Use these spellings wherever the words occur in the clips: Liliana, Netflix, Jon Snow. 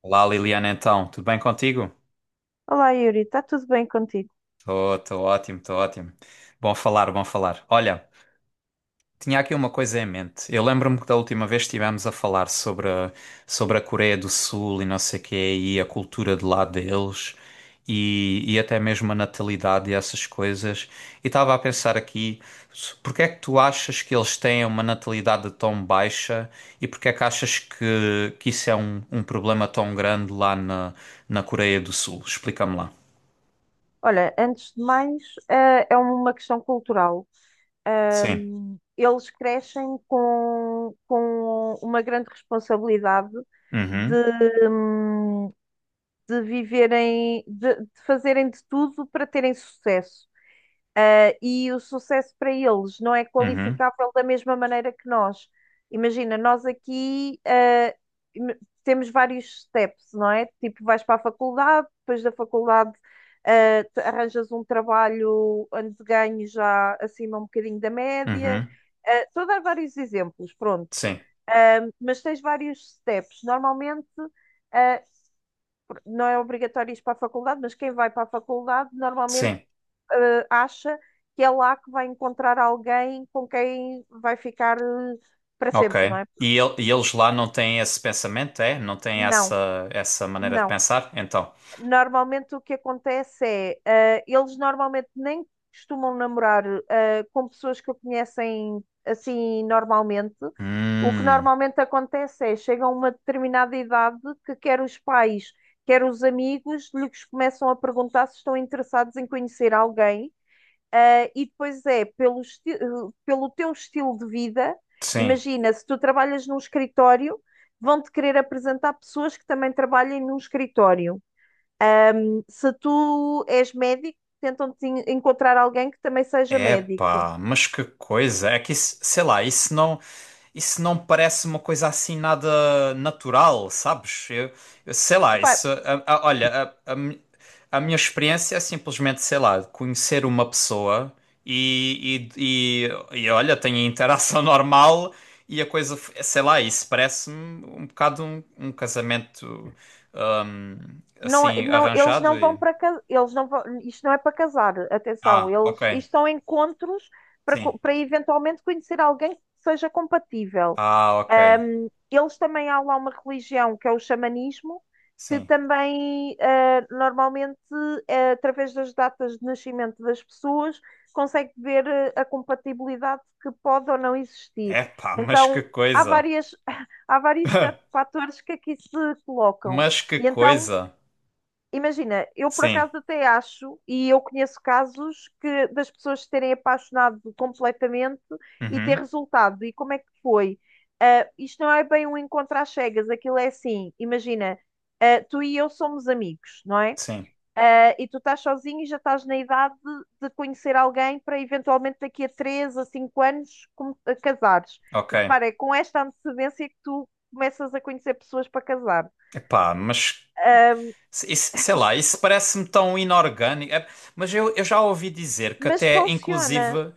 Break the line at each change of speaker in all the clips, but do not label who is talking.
Olá Liliana, então, tudo bem contigo?
Olá, Yuri, está tudo bem contigo?
Estou ótimo, estou ótimo. Bom falar, bom falar. Olha, tinha aqui uma coisa em mente. Eu lembro-me que da última vez estivemos a falar sobre a Coreia do Sul e não sei o quê, e a cultura de lá deles, e, até mesmo a natalidade e essas coisas. E estava a pensar aqui, porque é que tu achas que eles têm uma natalidade tão baixa e porque é que achas que isso é um problema tão grande lá na Coreia do Sul? Explica-me lá.
Olha, antes de mais, é uma questão cultural.
Sim.
Eles crescem com uma grande responsabilidade de,
Uhum,
hum, de viverem, de fazerem de tudo para terem sucesso. E o sucesso para eles não é
uhum,
qualificável da mesma maneira que nós. Imagina, nós aqui, im- temos vários steps, não é? Tipo, vais para a faculdade, depois da faculdade, arranjas um trabalho onde ganhas já acima um bocadinho da média.
uhum.
Estou a dar vários exemplos, pronto.
Sim,
Mas tens vários steps. Normalmente, ah, não é obrigatório ir para a faculdade, mas quem vai para a faculdade normalmente
sim.
acha que é lá que vai encontrar alguém com quem vai ficar, para
Ok.
sempre, não
E,
é?
e eles lá não têm esse pensamento, é? Não têm
Não,
essa maneira de
não.
pensar? Então.
Normalmente o que acontece é, eles normalmente nem costumam namorar, com pessoas que o conhecem assim normalmente. O que
Hum,
normalmente acontece é, chegam a uma determinada idade que quer os pais, quer os amigos, lhes começam a perguntar se estão interessados em conhecer alguém. E depois é pelo teu estilo de vida.
sim.
Imagina, se tu trabalhas num escritório, vão-te querer apresentar pessoas que também trabalhem num escritório. Se tu és médico, tentam-te encontrar alguém que também seja médico.
Epá, mas que coisa. É que isso, sei lá, isso não. Isso não parece uma coisa assim nada natural, sabes? Eu sei lá,
Epá,
isso. Olha, a minha experiência é simplesmente, sei lá, conhecer uma pessoa e, e, e, olha, tenho a interação normal e a coisa, sei lá, isso parece-me um bocado um casamento hum,
não,
assim
não, eles
arranjado
não vão
e.
para ca- eles não vão, isto não é para casar, atenção,
Ah, ok,
eles, isto são encontros para,
sim.
co- para eventualmente conhecer alguém que seja compatível.
Ah, ok,
Eles também há lá uma religião que é o xamanismo, que
sim.
também normalmente, através das datas de nascimento das pessoas consegue ver, a compatibilidade que pode ou não existir.
Epá, mas que
Então há
coisa!
várias, há vários fatores que aqui se colocam.
Mas que
E então.
coisa!
Imagina, eu por
Sim.
acaso até acho, e eu conheço casos que das pessoas se terem apaixonado completamente e ter
Uhum.
resultado. E como é que foi? Isto não é bem um encontro às cegas, aquilo é assim, imagina, tu e eu somos amigos, não é?
Sim.
E tu estás sozinho e já estás na idade de conhecer alguém para eventualmente daqui a 3 a 5 anos a casares.
Ok.
Repara, é com esta antecedência que tu começas a conhecer pessoas para casar.
Epá, mas
Ah,
sei lá, isso parece-me tão inorgânico. É, mas eu já ouvi dizer que
Mas
até,
funciona.
inclusive,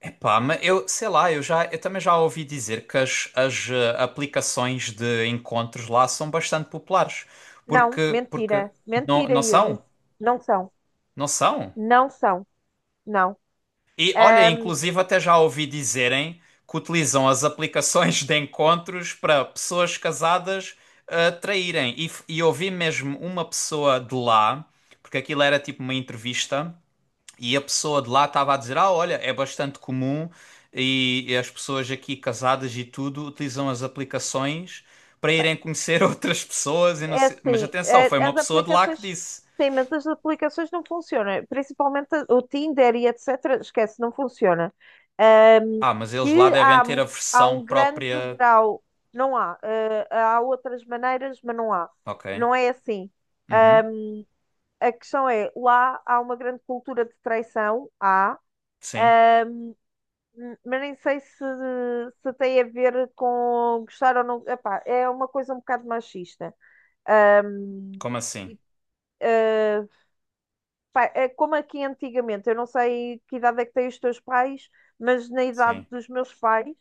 epá, mas eu sei lá, eu já eu também já ouvi dizer que as aplicações de encontros lá são bastante populares.
Não,
Porque
mentira.
não,
Mentira,
não
Yuri.
são?
Não são.
Não são?
Não são. Não.
E olha,
Ahm,
inclusive até já ouvi dizerem que utilizam as aplicações de encontros para pessoas casadas traírem. E, e ouvi mesmo uma pessoa de lá, porque aquilo era tipo uma entrevista, e a pessoa de lá estava a dizer: Ah, olha, é bastante comum e, as pessoas aqui casadas e tudo utilizam as aplicações para
Pá,
irem conhecer outras pessoas. E não
é
sei. Mas
assim,
atenção, foi uma
as
pessoa de lá que
aplicações.
disse:
Sim, mas as aplicações não funcionam. Principalmente o Tinder e etc. Esquece, não funciona. Ahm,
Ah, mas eles lá
que
devem
há,
ter a
há
versão
um grande
própria.
grau. Não há. Há outras maneiras, mas não há.
Ok.
Não é assim. Ah,
Uhum.
A questão é, lá há uma grande cultura de traição. Há,
Sim.
Mas nem sei se tem a ver com gostar ou não. Epá, é uma coisa um bocado machista.
Como
Hum,
assim?
eh, Pá, é como aqui antigamente, eu não sei que idade é que têm os teus pais, mas na idade
Sim.
dos meus pais,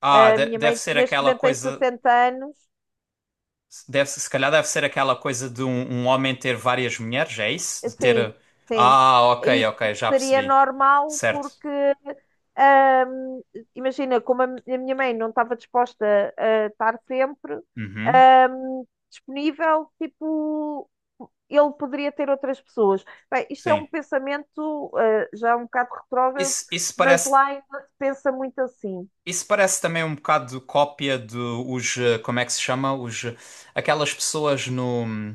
Ah,
a minha
deve
mãe
ser
neste
aquela
momento tem
coisa.
60 anos.
Deve, se calhar deve ser aquela coisa de um homem ter várias mulheres, é isso? De
Sim,
ter.
sim.
Ah, ok,
Isso
ok, já
seria
percebi.
normal
Certo.
porque, ahm, imagina, como a minha mãe não estava disposta a estar sempre,
Uhum.
ahm, disponível, tipo, ele poderia ter outras pessoas. Bem, isto é um
Sim.
pensamento, já é um bocado retrógrado,
Isso
mas
parece.
lá ainda se pensa muito assim.
Isso parece também um bocado cópia de os, como é que se chama? Os, aquelas pessoas no,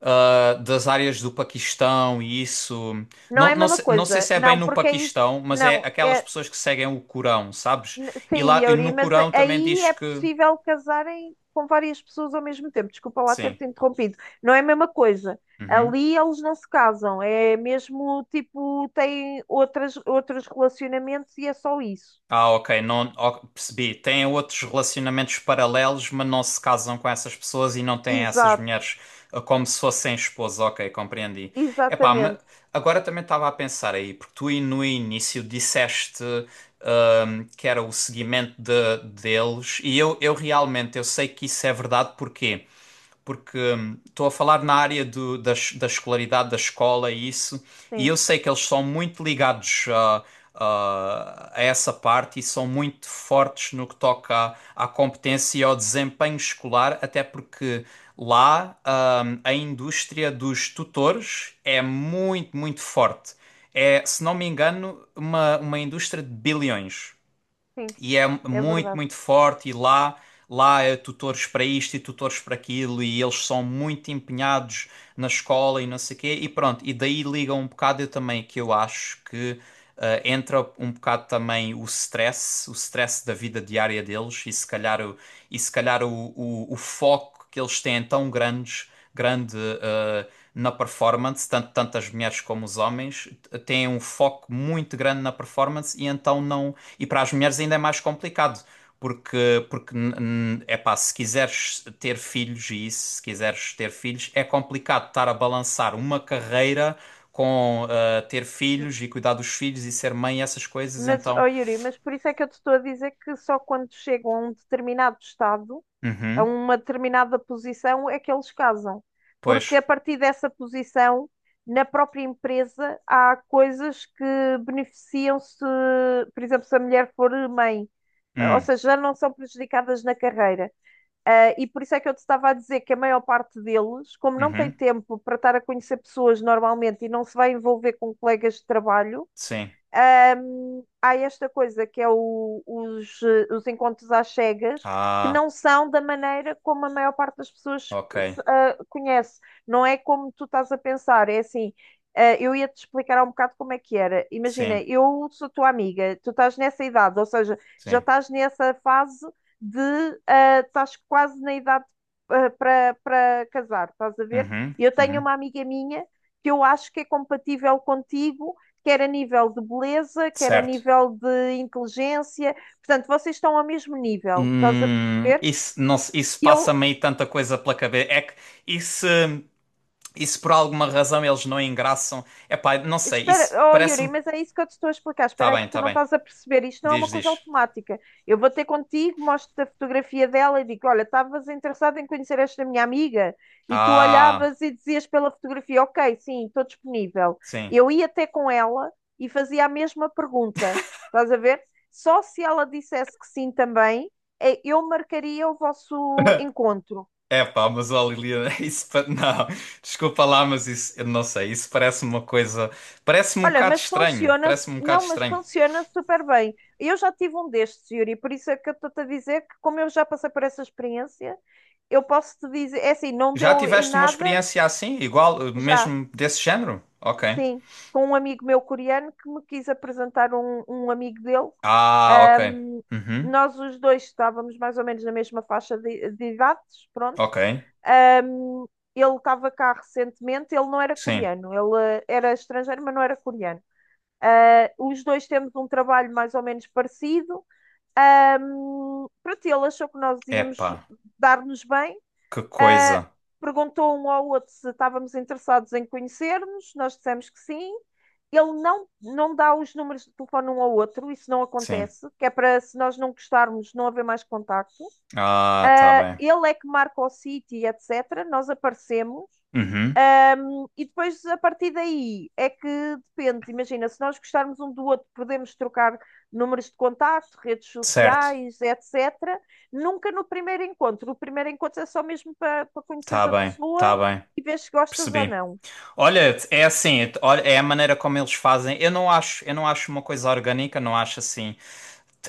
das áreas do Paquistão e isso.
Não
Não,
é a
não,
mesma
sei, não sei
coisa,
se é bem
não,
no
porque aí,
Paquistão, mas é
não,
aquelas
é,
pessoas que seguem o Corão, sabes?
N-
E
Sim,
lá
Yuri,
no
mas
Corão também
aí
diz
é
que.
possível casarem com várias pessoas ao mesmo tempo. Desculpa lá
Sim.
ter-te interrompido. Não é a mesma coisa.
Uhum.
Ali eles não se casam, é mesmo tipo, têm outros relacionamentos e é só isso.
Ah, ok, não, ó, percebi. Têm outros relacionamentos paralelos, mas não se casam com essas pessoas e não têm essas
Exato,
mulheres como se fossem esposas. Ok, compreendi. Epá, mas
exatamente.
agora também estava a pensar aí, porque tu aí no início disseste que era o seguimento deles e eu realmente eu sei que isso é verdade, porquê? Porque estou a falar na área da escolaridade, da escola e isso, e
Sim,
eu sei que eles são muito ligados a essa parte e são muito fortes no que toca à competência e ao desempenho escolar, até porque lá a indústria dos tutores é muito, muito forte. É, se não me engano, uma indústria de bilhões
sim,
e é
é
muito,
verdade.
muito forte e lá é tutores para isto e tutores para aquilo e eles são muito empenhados na escola e não sei o quê e pronto, e daí liga um bocado eu também que eu acho que entra um bocado também o stress da vida diária deles e se calhar o foco que eles têm é tão grandes grande eh, na performance, tanto, tanto as mulheres como os homens têm um foco muito grande na performance e então não. E para as mulheres ainda é mais complicado. Porque é pá, se quiseres ter filhos e isso, se quiseres ter filhos, é complicado estar a balançar uma carreira com ter filhos e cuidar dos filhos e ser mãe e essas coisas,
Mas,
então.
ó Yuri, mas por isso é que eu te estou a dizer que só quando chegam a um determinado estado, a
Uhum,
uma determinada posição é que eles casam. Porque a
pois.
partir dessa posição, na própria empresa, há coisas que beneficiam-se, por exemplo, se a mulher for mãe, ou
Hum,
seja, já não são prejudicadas na carreira. E por isso é que eu te estava a dizer que a maior parte deles, como não tem
uhum,
tempo para estar a conhecer pessoas normalmente e não se vai envolver com colegas de trabalho,
sim.
Há esta coisa que é os encontros às cegas, que
Ah,
não são da maneira como a maior parte das pessoas
ok.
conhece. Não é como tu estás a pensar, é assim. Eu ia-te explicar há um bocado como é que era. Imagina,
Sim,
eu sou tua amiga, tu estás nessa idade, ou seja, já
sim.
estás nessa fase, de, estás quase na idade, para casar, estás a ver?
Uhum,
Eu tenho
uhum.
uma amiga minha que eu acho que é compatível contigo, quer a nível de beleza, quer a
Certo.
nível de inteligência. Portanto, vocês estão ao mesmo nível, estás a perceber?
Isso, não, isso passa
Eu
meio tanta coisa pela cabeça. É que isso, isso por alguma razão eles não engraçam. É pá, não sei.
Espera,
Isso
oh Yuri,
parece-me.
mas é isso que eu te estou a explicar.
Tá
Espera aí
bem,
que tu
tá
não
bem.
estás a perceber. Isto não é uma
Diz,
coisa
diz.
automática. Eu vou ter contigo, mostro-te a fotografia dela e digo: "Olha, estavas interessado em conhecer esta minha amiga?" E tu
Ah,
olhavas e dizias pela fotografia: "Ok, sim, estou disponível."
sim.
Eu ia até com ela e fazia a mesma pergunta. Estás a ver? Só se ela dissesse que sim também, eu marcaria o vosso encontro.
É pá, mas olha, Liliana, não, desculpa lá, mas isso, eu não sei, isso parece-me uma coisa, parece-me um
Olha,
bocado
mas
estranho,
funciona,
parece-me um bocado
não, mas
estranho.
funciona super bem. Eu já tive um destes, Yuri, por isso é que eu estou-te a dizer que, como eu já passei por essa experiência, eu posso te dizer, é assim, não
Já
deu em
tiveste uma
nada
experiência assim, igual,
já,
mesmo desse género? Ok.
sim, com um amigo meu coreano que me quis apresentar um amigo dele.
Ah, ok.
Ahm,
Uhum.
Nós os dois estávamos mais ou menos na mesma faixa de idades, pronto.
Ok.
Ahm, Ele estava cá recentemente, ele não era
Sim.
coreano, ele, era estrangeiro, mas não era coreano. Os dois temos um trabalho mais ou menos parecido. Pronto, ele achou que nós íamos
Epá,
dar-nos bem.
que coisa.
Uh, Perguntou um ao outro se estávamos interessados em conhecer-nos. Nós dissemos que sim. Ele não dá os números de telefone um ao outro, isso não
Sim.
acontece, que é para se nós não gostarmos não haver mais contacto.
Ah, tá bem.
Ele é que marca o sítio, etc. Nós aparecemos.
Uhum.
E depois, a partir daí, é que depende. Imagina, se nós gostarmos um do outro, podemos trocar números de contacto, redes
Certo.
sociais, etc. Nunca no primeiro encontro. O primeiro encontro é só mesmo para conheceres
Tá
a
bem,
pessoa
tá bem.
e ver se gostas ou
Percebi.
não.
Olha, é assim, olha, é a maneira como eles fazem. Eu não acho uma coisa orgânica, não acho assim.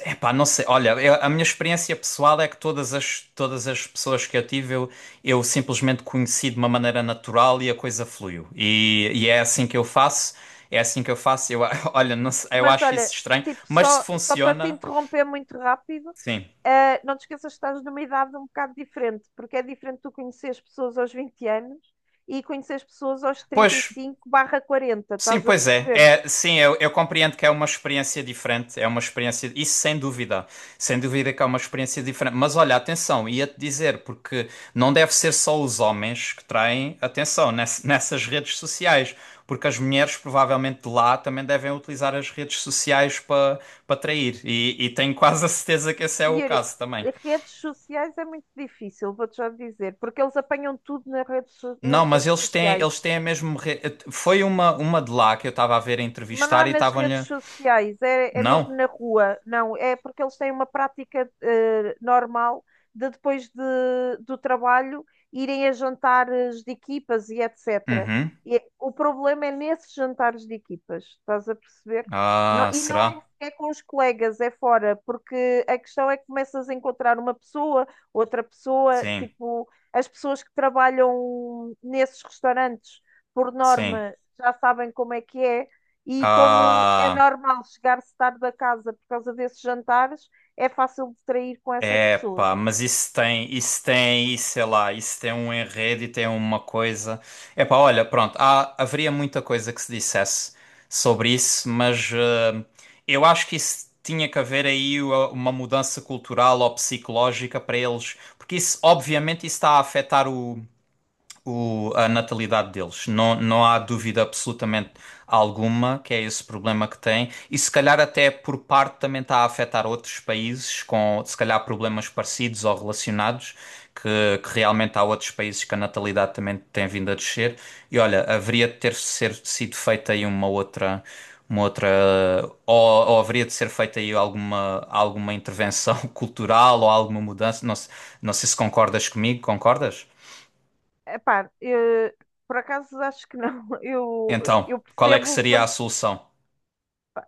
Epá, não sei. Olha, a minha experiência pessoal é que todas as pessoas que eu tive, eu simplesmente conheci de uma maneira natural e a coisa fluiu. E é assim que eu faço. É assim que eu faço. Eu, olha, não sei, eu
Mas
acho isso
olha,
estranho,
tipo,
mas se
só para te
funciona,
interromper muito rápido,
sim.
não te esqueças que estás numa idade um bocado diferente, porque é diferente tu conheceres pessoas aos 20 anos e conheceres pessoas aos trinta e
Pois,
cinco barra quarenta
sim,
estás a
pois é.
perceber?
É, sim, eu compreendo que é uma experiência diferente, é uma experiência, isso sem dúvida. Sem dúvida que é uma experiência diferente, mas olha, atenção, ia-te dizer porque não deve ser só os homens que traem atenção nessas redes sociais, porque as mulheres provavelmente de lá também devem utilizar as redes sociais para trair e tenho quase a certeza que esse é o
Yuri,
caso também.
redes sociais é muito difícil, vou-te já dizer, porque eles apanham tudo nas
Não, mas
redes sociais,
eles têm a mesma. Foi uma de lá que eu estava a ver a
mas não
entrevistar
é
e
nas redes
estavam-lhe.
sociais, é é
Não.
mesmo na rua, não, é porque eles têm uma prática, normal de depois do trabalho irem a jantares de equipas e etc.
Uhum.
O problema é nesses jantares de equipas, estás a perceber?
Ah,
E não é,
será?
é com os colegas, é fora, porque a questão é que começas a encontrar uma pessoa, outra pessoa,
Sim,
tipo, as pessoas que trabalham nesses restaurantes, por
sim.
norma, já sabem como é que é e como é
Ah,
normal chegar-se tarde a casa por causa desses jantares, é fácil distrair com essas
é
pessoas.
pá, mas isso sei lá, isso tem um enredo e tem uma coisa. É pá, olha, pronto, há, haveria muita coisa que se dissesse sobre isso, mas eu acho que isso tinha que haver aí uma mudança cultural ou psicológica para eles, porque isso, obviamente, isso está a afetar a natalidade deles. Não, não há dúvida absolutamente alguma que é esse problema que tem. E se calhar até por parte também está a afetar outros países com, se calhar, problemas parecidos ou relacionados, que realmente há outros países que a natalidade também tem vindo a descer. E olha, haveria de ter ser, sido feita aí uma outra. Uma outra, ou, ou haveria de ser feita aí alguma, alguma intervenção cultural ou alguma mudança? Não, não sei se concordas comigo, concordas?
Epá, por acaso acho que não. Eu,
Então,
eu
qual é que
percebo o
seria a
ponto.
solução?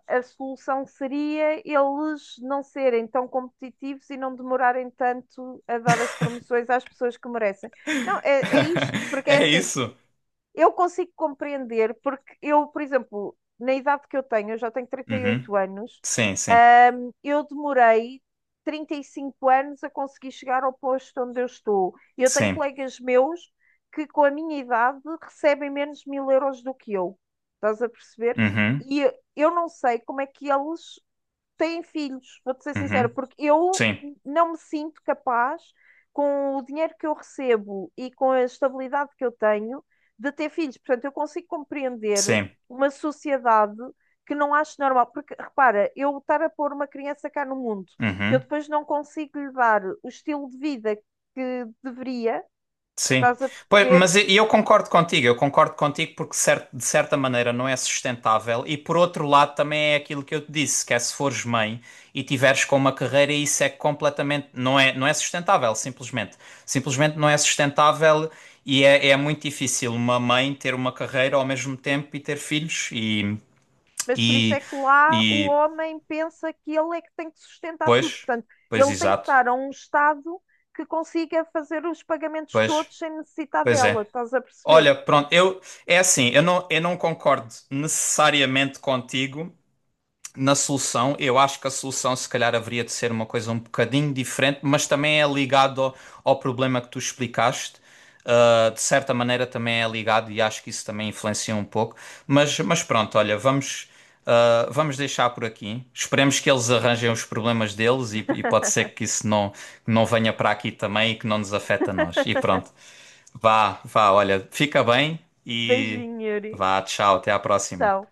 A solução seria eles não serem tão competitivos e não demorarem tanto a dar as promoções às pessoas que merecem. Não, é isto, porque é
É
assim,
isso?
eu consigo compreender, porque eu, por exemplo, na idade que eu tenho, eu já tenho
Uhum.
38 anos,
Sim, sim.
eu demorei 35 anos a conseguir chegar ao posto onde eu estou. E eu tenho
Sim.
colegas meus que, com a minha idade, recebem menos 1000 euros do que eu. Estás a perceber?
Uhum.
E eu não sei como é que eles têm filhos, vou-te ser sincera,
Uhum.
porque eu
Sim.
não me sinto capaz, com o dinheiro que eu recebo e com a estabilidade que eu tenho, de ter filhos. Portanto, eu consigo compreender
Sim.
uma sociedade que não acho normal. Porque, repara, eu estar a pôr uma criança cá no mundo, que eu
Uhum.
depois não consigo lhe dar o estilo de vida que deveria,
Sim.
estás a
Pois,
perceber?
mas e eu concordo contigo porque de certa maneira não é sustentável e por outro lado também é aquilo que eu te disse, que é se fores mãe e tiveres com uma carreira isso é completamente, não é, não é sustentável, simplesmente. Simplesmente não é sustentável e é, é muito difícil uma mãe ter uma carreira ao mesmo tempo e ter filhos e
Mas por isso
E,
é que lá o
e
homem pensa que ele é que tem que sustentar tudo.
pois,
Portanto,
pois
ele tem que
exato,
estar a um estado que consiga fazer os pagamentos
pois,
todos sem necessitar
pois
dela.
é.
Estás a perceber?
Olha, pronto, eu é assim, eu não concordo necessariamente contigo, na solução, eu acho que a solução se calhar haveria de ser uma coisa um bocadinho diferente, mas também é ligado ao, ao problema que tu explicaste. De certa maneira também é ligado e acho que isso também influencia um pouco. Mas pronto, olha, vamos, vamos deixar por aqui. Esperemos que eles arranjem os problemas deles e pode ser que isso não, não venha para aqui também e que não nos afeta a nós. E pronto, vá, vá, olha, fica bem e
Beijinho, Yuri.
vá, tchau, até à próxima.
Tchau.